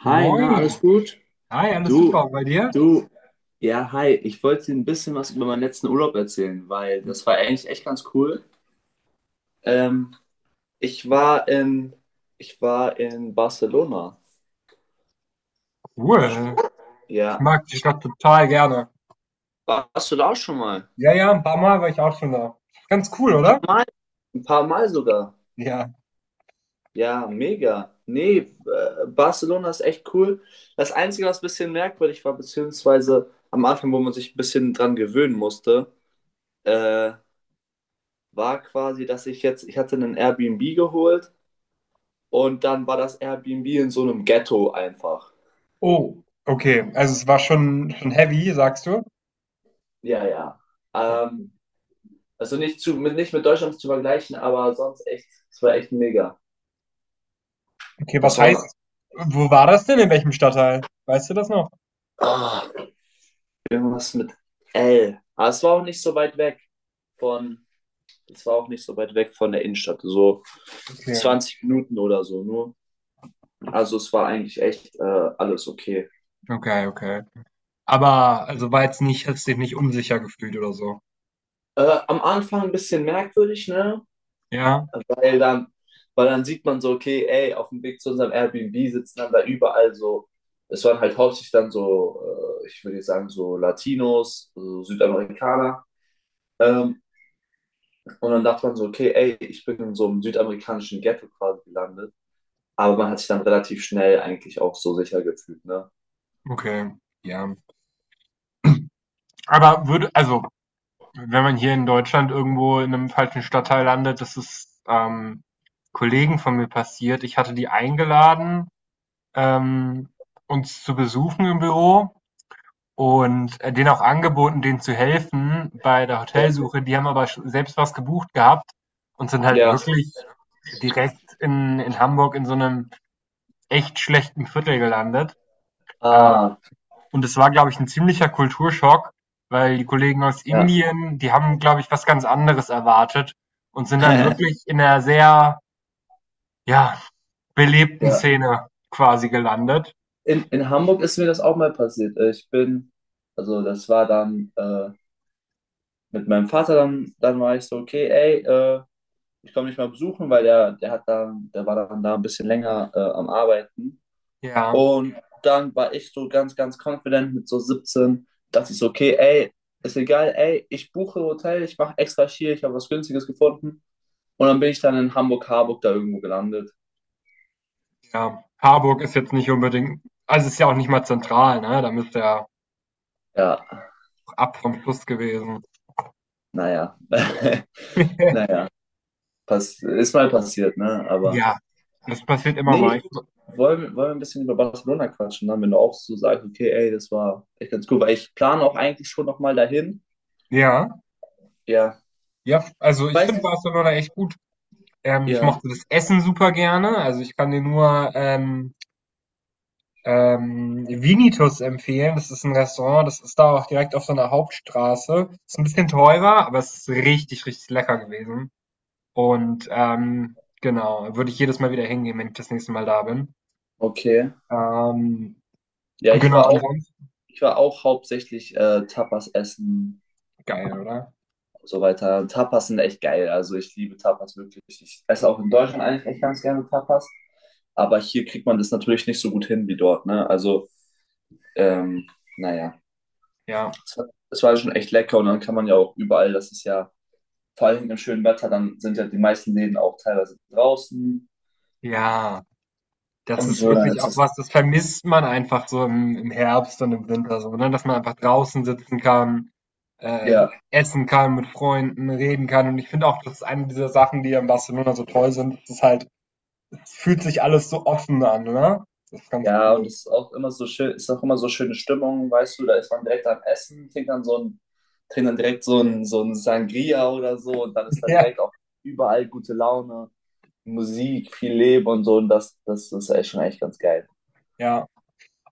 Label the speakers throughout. Speaker 1: Hi, na, alles
Speaker 2: Moin.
Speaker 1: gut?
Speaker 2: Hi, alles
Speaker 1: Du,
Speaker 2: super. Und bei dir?
Speaker 1: du, ja, hi. Ich wollte dir ein bisschen was über meinen letzten Urlaub erzählen, weil das war eigentlich echt ganz cool. Ähm, ich war in, ich war in Barcelona.
Speaker 2: Cool. Ich
Speaker 1: Ja.
Speaker 2: mag die Stadt total gerne.
Speaker 1: Warst du da auch schon mal?
Speaker 2: Ja, ja, ein paar Mal war ich auch schon da. Ganz cool,
Speaker 1: Ein paar
Speaker 2: oder?
Speaker 1: Mal, ein paar Mal sogar.
Speaker 2: Ja.
Speaker 1: Ja, mega. Nee, Barcelona ist echt cool. Das Einzige, was ein bisschen merkwürdig war, beziehungsweise am Anfang, wo man sich ein bisschen dran gewöhnen musste, äh, war quasi, dass ich hatte einen Airbnb geholt und dann war das Airbnb in so einem Ghetto einfach.
Speaker 2: Oh, okay. Also es war schon heavy, sagst du?
Speaker 1: Ja, ja. Ähm, also nicht, nicht mit Deutschland zu vergleichen, aber sonst echt, es war echt mega.
Speaker 2: Okay, was
Speaker 1: Das war dann
Speaker 2: heißt, wo war das denn? In welchem Stadtteil? Weißt du das noch?
Speaker 1: ah, irgendwas mit L. Aber es war auch nicht so weit von, es war auch nicht so weit weg von der Innenstadt, so
Speaker 2: Okay,
Speaker 1: 20 Minuten oder so nur. Also es war eigentlich echt alles okay.
Speaker 2: okay, okay. Aber also war jetzt nicht, hast dich nicht unsicher gefühlt oder so.
Speaker 1: Am Anfang ein bisschen merkwürdig, ne?
Speaker 2: Ja,
Speaker 1: Weil dann, weil dann sieht man so, okay, ey, auf dem Weg zu unserem Airbnb sitzen dann da überall so, es waren halt hauptsächlich dann so, ich würde jetzt sagen, so Latinos, so Südamerikaner. Ähm, und dann dachte man so, okay, ey, ich bin in so einem südamerikanischen Ghetto quasi gelandet. Aber man hat sich dann relativ schnell eigentlich auch so sicher gefühlt, ne?
Speaker 2: okay. Ja. Aber würde, also wenn man hier in Deutschland irgendwo in einem falschen Stadtteil landet, das ist, Kollegen von mir passiert. Ich hatte die eingeladen, ähm, uns zu besuchen im Büro und, denen auch angeboten, denen zu helfen bei der
Speaker 1: Ja.
Speaker 2: Hotelsuche. Die haben aber sch selbst was gebucht gehabt und sind halt
Speaker 1: Ja.
Speaker 2: wirklich direkt in Hamburg in so einem echt schlechten Viertel gelandet. Ähm
Speaker 1: Ah,
Speaker 2: und es war, glaube ich, ein ziemlicher Kulturschock, weil die Kollegen aus
Speaker 1: ja.
Speaker 2: Indien, die haben, glaube ich, was ganz anderes erwartet und sind dann wirklich in einer sehr, ja, belebten
Speaker 1: Ja.
Speaker 2: Szene quasi gelandet.
Speaker 1: In Hamburg ist mir das auch mal passiert. Also das war dann mit meinem Vater dann war ich so, okay, ey, ich komme nicht mal besuchen, weil der hat da, der war dann da ein bisschen länger am Arbeiten.
Speaker 2: Ja,
Speaker 1: Und dann war ich so ganz, ganz confident mit so 17, dass ich so, okay, ey, ist egal, ey, ich buche Hotel, ich mache extra schier, ich habe was Günstiges gefunden. Und dann bin ich dann in Hamburg-Harburg da irgendwo gelandet.
Speaker 2: ja. Harburg ist jetzt nicht unbedingt also, ist ja auch nicht mal zentral, ne? Da müsste ja
Speaker 1: Ja,
Speaker 2: ab vom Fluss gewesen.
Speaker 1: naja, naja, pass, ist mal passiert, ne? Aber
Speaker 2: Ja, das passiert immer mal.
Speaker 1: nee,
Speaker 2: Ich
Speaker 1: Wollen wir ein bisschen über Barcelona quatschen, dann, wenn du auch so sagst, okay, ey, das war echt ganz cool, weil ich plane auch eigentlich schon nochmal dahin.
Speaker 2: ja,
Speaker 1: Ja.
Speaker 2: ja, also, ich
Speaker 1: Weißt
Speaker 2: finde
Speaker 1: du?
Speaker 2: Barcelona echt gut. Ich
Speaker 1: Ja,
Speaker 2: mochte das Essen super gerne. Also, ich kann dir nur, Vinitus empfehlen. Das ist ein Restaurant, das ist da auch direkt auf so einer Hauptstraße. Ist ein bisschen teurer, aber es ist richtig, richtig lecker gewesen. Und, genau, würde ich jedes Mal wieder hingehen, wenn ich das nächste Mal da bin.
Speaker 1: okay.
Speaker 2: Ähm,
Speaker 1: Ja, ich
Speaker 2: genau,
Speaker 1: war auch,
Speaker 2: ansonsten
Speaker 1: ich war auch hauptsächlich Tapas essen
Speaker 2: geil, oder?
Speaker 1: und so weiter. Tapas sind echt geil. Also ich liebe Tapas wirklich. Ich esse auch in Deutschland eigentlich echt ganz gerne Tapas. Aber hier kriegt man das natürlich nicht so gut hin wie dort, ne? Also, ähm, naja.
Speaker 2: Ja.
Speaker 1: Es war schon echt lecker und dann kann man ja auch überall, das ist ja vor allem im schönen Wetter, dann sind ja die meisten Läden auch teilweise draußen
Speaker 2: Ja. Das
Speaker 1: und
Speaker 2: ist
Speaker 1: so, dann
Speaker 2: wirklich
Speaker 1: ist
Speaker 2: auch
Speaker 1: das,
Speaker 2: was, das vermisst man einfach so im Herbst und im Winter so, ne? Dass man einfach draußen sitzen kann, äh,
Speaker 1: ja,
Speaker 2: essen kann, mit Freunden reden kann. Und ich finde auch, das ist eine dieser Sachen, die an Barcelona so toll sind. Es ist halt es fühlt sich alles so offen an, ne? Das ist ganz
Speaker 1: ja, und
Speaker 2: cool.
Speaker 1: es ist auch immer so schön, ist auch immer so schöne Stimmung, weißt du, da ist man direkt am Essen, trinkt dann direkt so ein Sangria oder so und dann ist da
Speaker 2: Ja,
Speaker 1: direkt auch überall gute Laune, Musik, viel Leben und so und das ist echt schon echt ganz geil.
Speaker 2: ja.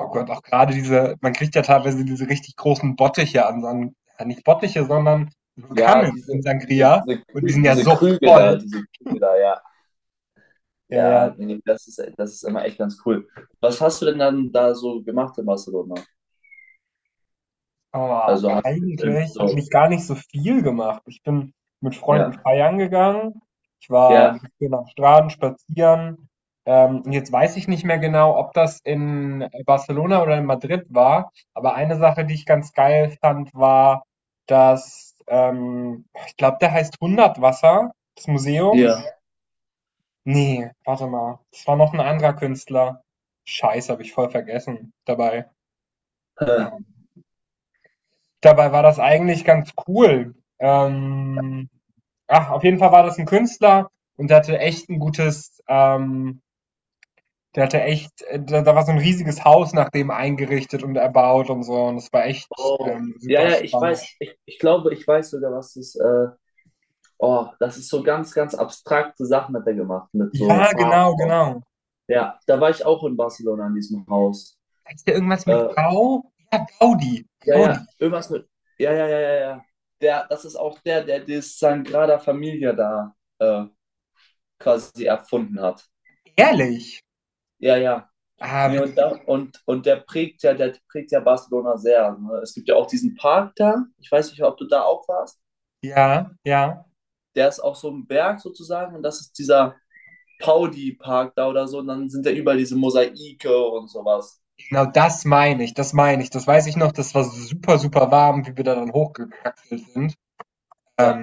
Speaker 2: Oh Gott, auch gerade diese man kriegt ja teilweise diese richtig großen Bottiche an so ja, nicht Bottiche, sondern so
Speaker 1: Ja,
Speaker 2: Kannen
Speaker 1: diese,
Speaker 2: in
Speaker 1: diese,
Speaker 2: Sangria
Speaker 1: diese,
Speaker 2: und die sind ja so voll.
Speaker 1: Diese Krüge da, ja.
Speaker 2: Ja, ja.
Speaker 1: Ja, nee, das ist immer echt ganz cool. Was hast du denn dann da so gemacht in Barcelona?
Speaker 2: Oh,
Speaker 1: Also hast du jetzt irgendwie
Speaker 2: eigentlich habe
Speaker 1: so,
Speaker 2: ich gar nicht so viel gemacht. Ich bin mit Freunden
Speaker 1: ja,
Speaker 2: feiern gegangen. Ich war ein
Speaker 1: ja,
Speaker 2: bisschen am Strand spazieren. Und jetzt weiß ich nicht mehr genau, ob das in Barcelona oder in Madrid war. Aber eine Sache, die ich ganz geil fand, war, dass, ich glaube, der heißt Hundertwasser, das Museum.
Speaker 1: Ja.
Speaker 2: Nee, warte mal. Das war noch ein anderer Künstler. Scheiße, habe ich voll vergessen dabei.
Speaker 1: äh,
Speaker 2: Ähm, Dabei war das eigentlich ganz cool. Ach, auf jeden Fall war das ein Künstler und der hatte echt ein gutes der hatte echt da war so ein riesiges Haus nach dem eingerichtet und erbaut und so und das war echt,
Speaker 1: oh, ja,
Speaker 2: super
Speaker 1: ja, ich weiß,
Speaker 2: spannend.
Speaker 1: ich glaube, ich weiß sogar, was das, oh, das ist so ganz, ganz abstrakte Sachen hat er gemacht, mit so
Speaker 2: Ja,
Speaker 1: Farben
Speaker 2: genau,
Speaker 1: auch.
Speaker 2: genau.
Speaker 1: Ja, da war ich auch in Barcelona in diesem Haus.
Speaker 2: Heißt der irgendwas mit
Speaker 1: Äh,
Speaker 2: Gau? Ja, Gaudi,
Speaker 1: ja,
Speaker 2: Gaudi,
Speaker 1: ja, irgendwas mit, ja, ja, ja, ja, ja. Das ist auch der, der das Sagrada Familia da quasi erfunden hat.
Speaker 2: ehrlich?
Speaker 1: Ja, ja.
Speaker 2: Ah,
Speaker 1: Nee,
Speaker 2: witzig.
Speaker 1: und der prägt ja Barcelona sehr. Ne? Es gibt ja auch diesen Park da, ich weiß nicht, ob du da auch warst.
Speaker 2: Ja, ja.
Speaker 1: Der ist auch so ein Berg sozusagen und das ist dieser Paudi-Park da oder so. Und dann sind da überall diese Mosaike und sowas.
Speaker 2: Genau das meine ich, das meine ich. Das weiß ich noch, das war super, super warm, wie wir da dann hochgekraxelt sind.
Speaker 1: Ja,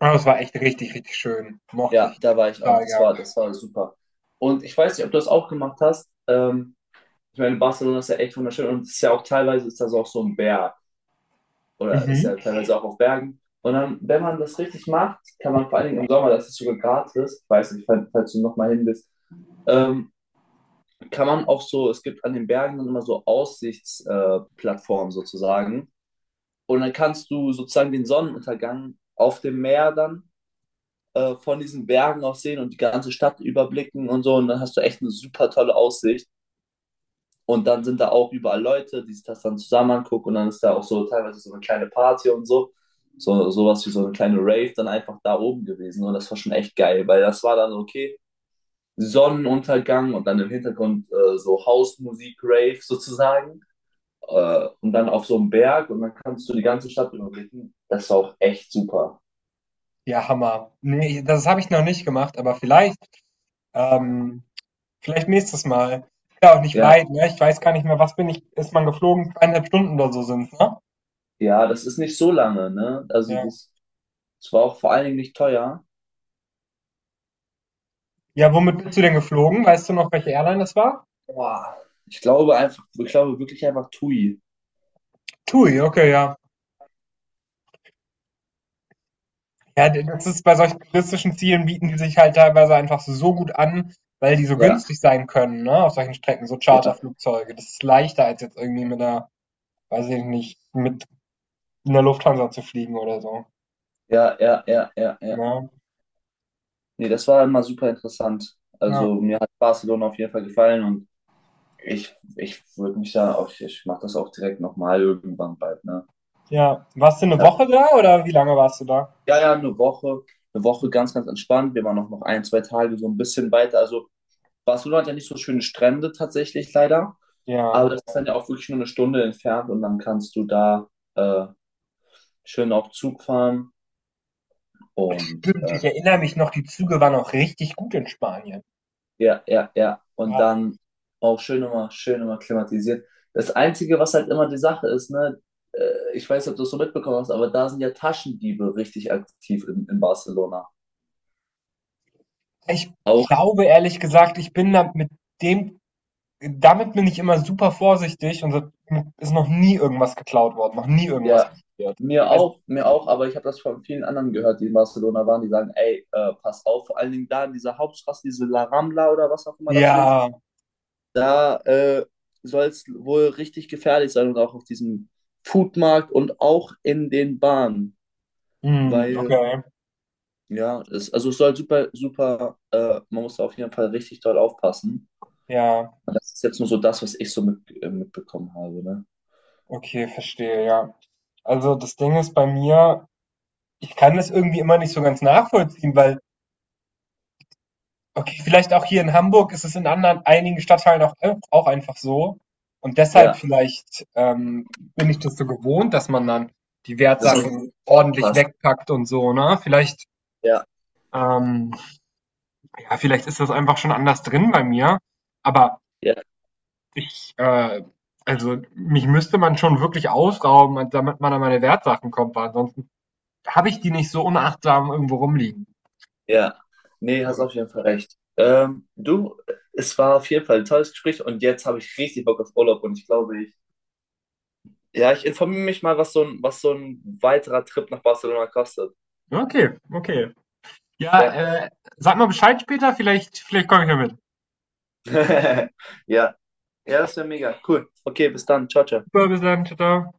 Speaker 2: Ah, das war echt richtig, richtig schön. Mochte
Speaker 1: ja,
Speaker 2: ich
Speaker 1: da war ich auch.
Speaker 2: total gern.
Speaker 1: Das war super. Und ich weiß nicht, ob du das auch gemacht hast. Ich meine, Barcelona ist ja echt wunderschön und es ist ja auch teilweise ist das auch so ein Berg, oder ist ja
Speaker 2: Mhm.
Speaker 1: teilweise auch auf Bergen. Und dann, wenn man das richtig macht, kann man vor allen Dingen im Sommer, das ist sogar gratis, ich weiß nicht, falls du nochmal hin bist, ähm, kann man auch so, es gibt an den Bergen dann immer so Aussichtsplattformen sozusagen. Und dann kannst du sozusagen den Sonnenuntergang auf dem Meer dann von diesen Bergen aus sehen und die ganze Stadt überblicken und so. Und dann hast du echt eine super tolle Aussicht. Und dann sind da auch überall Leute, die sich das dann zusammen angucken und dann ist da auch so teilweise so eine kleine Party und so. So sowas wie so eine kleine Rave dann einfach da oben gewesen und das war schon echt geil, weil das war dann so, okay, Sonnenuntergang und dann im Hintergrund so Hausmusik, Rave sozusagen und dann auf so einem Berg und dann kannst du die ganze Stadt überblicken. Das war auch echt super.
Speaker 2: Ja, Hammer. Ne, das habe ich noch nicht gemacht, aber vielleicht, ähm, vielleicht nächstes Mal. Ist ja auch nicht
Speaker 1: Ja,
Speaker 2: weit, ne? Ich weiß gar nicht mehr, was bin ich, ist man geflogen? Zweieinhalb Stunden oder so sind's, ne?
Speaker 1: ja, das ist nicht so lange, ne? Also
Speaker 2: Ja.
Speaker 1: das, das war auch vor allen Dingen nicht teuer.
Speaker 2: Ja, womit bist du denn geflogen? Weißt du noch, welche Airline das war?
Speaker 1: Boah. Ich glaube wirklich einfach Tui.
Speaker 2: TUI, okay, ja. Ja, d- das ist bei solchen touristischen Zielen bieten die sich halt teilweise einfach so so gut an, weil die so
Speaker 1: Ja,
Speaker 2: günstig sein können, ne? Auf solchen Strecken, so
Speaker 1: ja.
Speaker 2: Charterflugzeuge. Das ist leichter als jetzt irgendwie mit einer weiß ich nicht, mit in der Lufthansa zu fliegen oder so.
Speaker 1: Ja, ja, ja, ja, ja.
Speaker 2: Ja,
Speaker 1: Nee, das war immer super interessant.
Speaker 2: ja,
Speaker 1: Also mir hat Barcelona auf jeden Fall gefallen und ich würde mich da auch, ich mache das auch direkt nochmal irgendwann bald, ne?
Speaker 2: ja. Warst du eine
Speaker 1: Ja,
Speaker 2: Woche da oder wie lange warst du da?
Speaker 1: ja, eine Woche ganz, ganz entspannt. Wir waren auch noch ein, zwei Tage so ein bisschen weiter. Also Barcelona hat ja nicht so schöne Strände tatsächlich leider, aber
Speaker 2: Ja,
Speaker 1: das ist dann ja auch wirklich nur eine Stunde entfernt und dann kannst du da äh, schön auf Zug fahren und
Speaker 2: stimmt. Ich erinnere mich noch, die Züge waren auch richtig gut in Spanien.
Speaker 1: Ja, ja, ja. Und
Speaker 2: Ja.
Speaker 1: dann auch schön immer klimatisiert. Das Einzige, was halt immer die Sache ist, ne, äh, ich weiß nicht, ob du es so mitbekommen hast, aber da sind ja Taschendiebe richtig aktiv in Barcelona.
Speaker 2: Ich
Speaker 1: Auch,
Speaker 2: glaube ehrlich gesagt, ich bin da mit dem, damit bin ich immer super vorsichtig und da ist noch nie irgendwas geklaut worden, noch nie irgendwas
Speaker 1: ja,
Speaker 2: passiert. Also,
Speaker 1: mir auch, aber ich habe das von vielen anderen gehört, die in Barcelona waren, die sagen, ey, pass auf, vor allen Dingen da in dieser Hauptstraße, diese La Rambla oder was auch immer das ist,
Speaker 2: ja,
Speaker 1: da soll es wohl richtig gefährlich sein und auch auf diesem Foodmarkt und auch in den Bahnen,
Speaker 2: hm,
Speaker 1: weil
Speaker 2: okay,
Speaker 1: ja, es, also es soll super, super, man muss da auf jeden Fall richtig doll aufpassen.
Speaker 2: ja,
Speaker 1: Und das ist jetzt nur so das, was ich so mit, mitbekommen habe, ne?
Speaker 2: okay, verstehe, ja. Also das Ding ist bei mir, ich kann das irgendwie immer nicht so ganz nachvollziehen, weil, okay, vielleicht auch hier in Hamburg ist es in anderen, einigen Stadtteilen auch, auch einfach so. Und deshalb
Speaker 1: Ja,
Speaker 2: vielleicht bin ich das so gewohnt, dass man dann die
Speaker 1: dass man so
Speaker 2: Wertsachen ordentlich
Speaker 1: aufpasst.
Speaker 2: wegpackt und so, ne? Vielleicht,
Speaker 1: Ja,
Speaker 2: ähm, ja, vielleicht ist das einfach schon anders drin bei mir. Aber
Speaker 1: ja,
Speaker 2: ich, also mich müsste man schon wirklich ausrauben, damit man an meine Wertsachen kommt, weil ansonsten habe ich die nicht so unachtsam irgendwo rumliegen.
Speaker 1: ja. Nee, hast
Speaker 2: Ja.
Speaker 1: auf jeden Fall recht. Du, es war auf jeden Fall ein tolles Gespräch und jetzt habe ich richtig Bock auf Urlaub und ich glaube, ich, ja, ich informiere mich mal, was so ein weiterer Trip nach Barcelona kostet.
Speaker 2: Okay, okay. Ja,
Speaker 1: Ja.
Speaker 2: sag mal Bescheid später, vielleicht komme ich ja mit.
Speaker 1: Ja, ja, das wäre mega. Cool. Okay, bis dann. Ciao, ciao.
Speaker 2: Super, bis dann, tschau, tschau.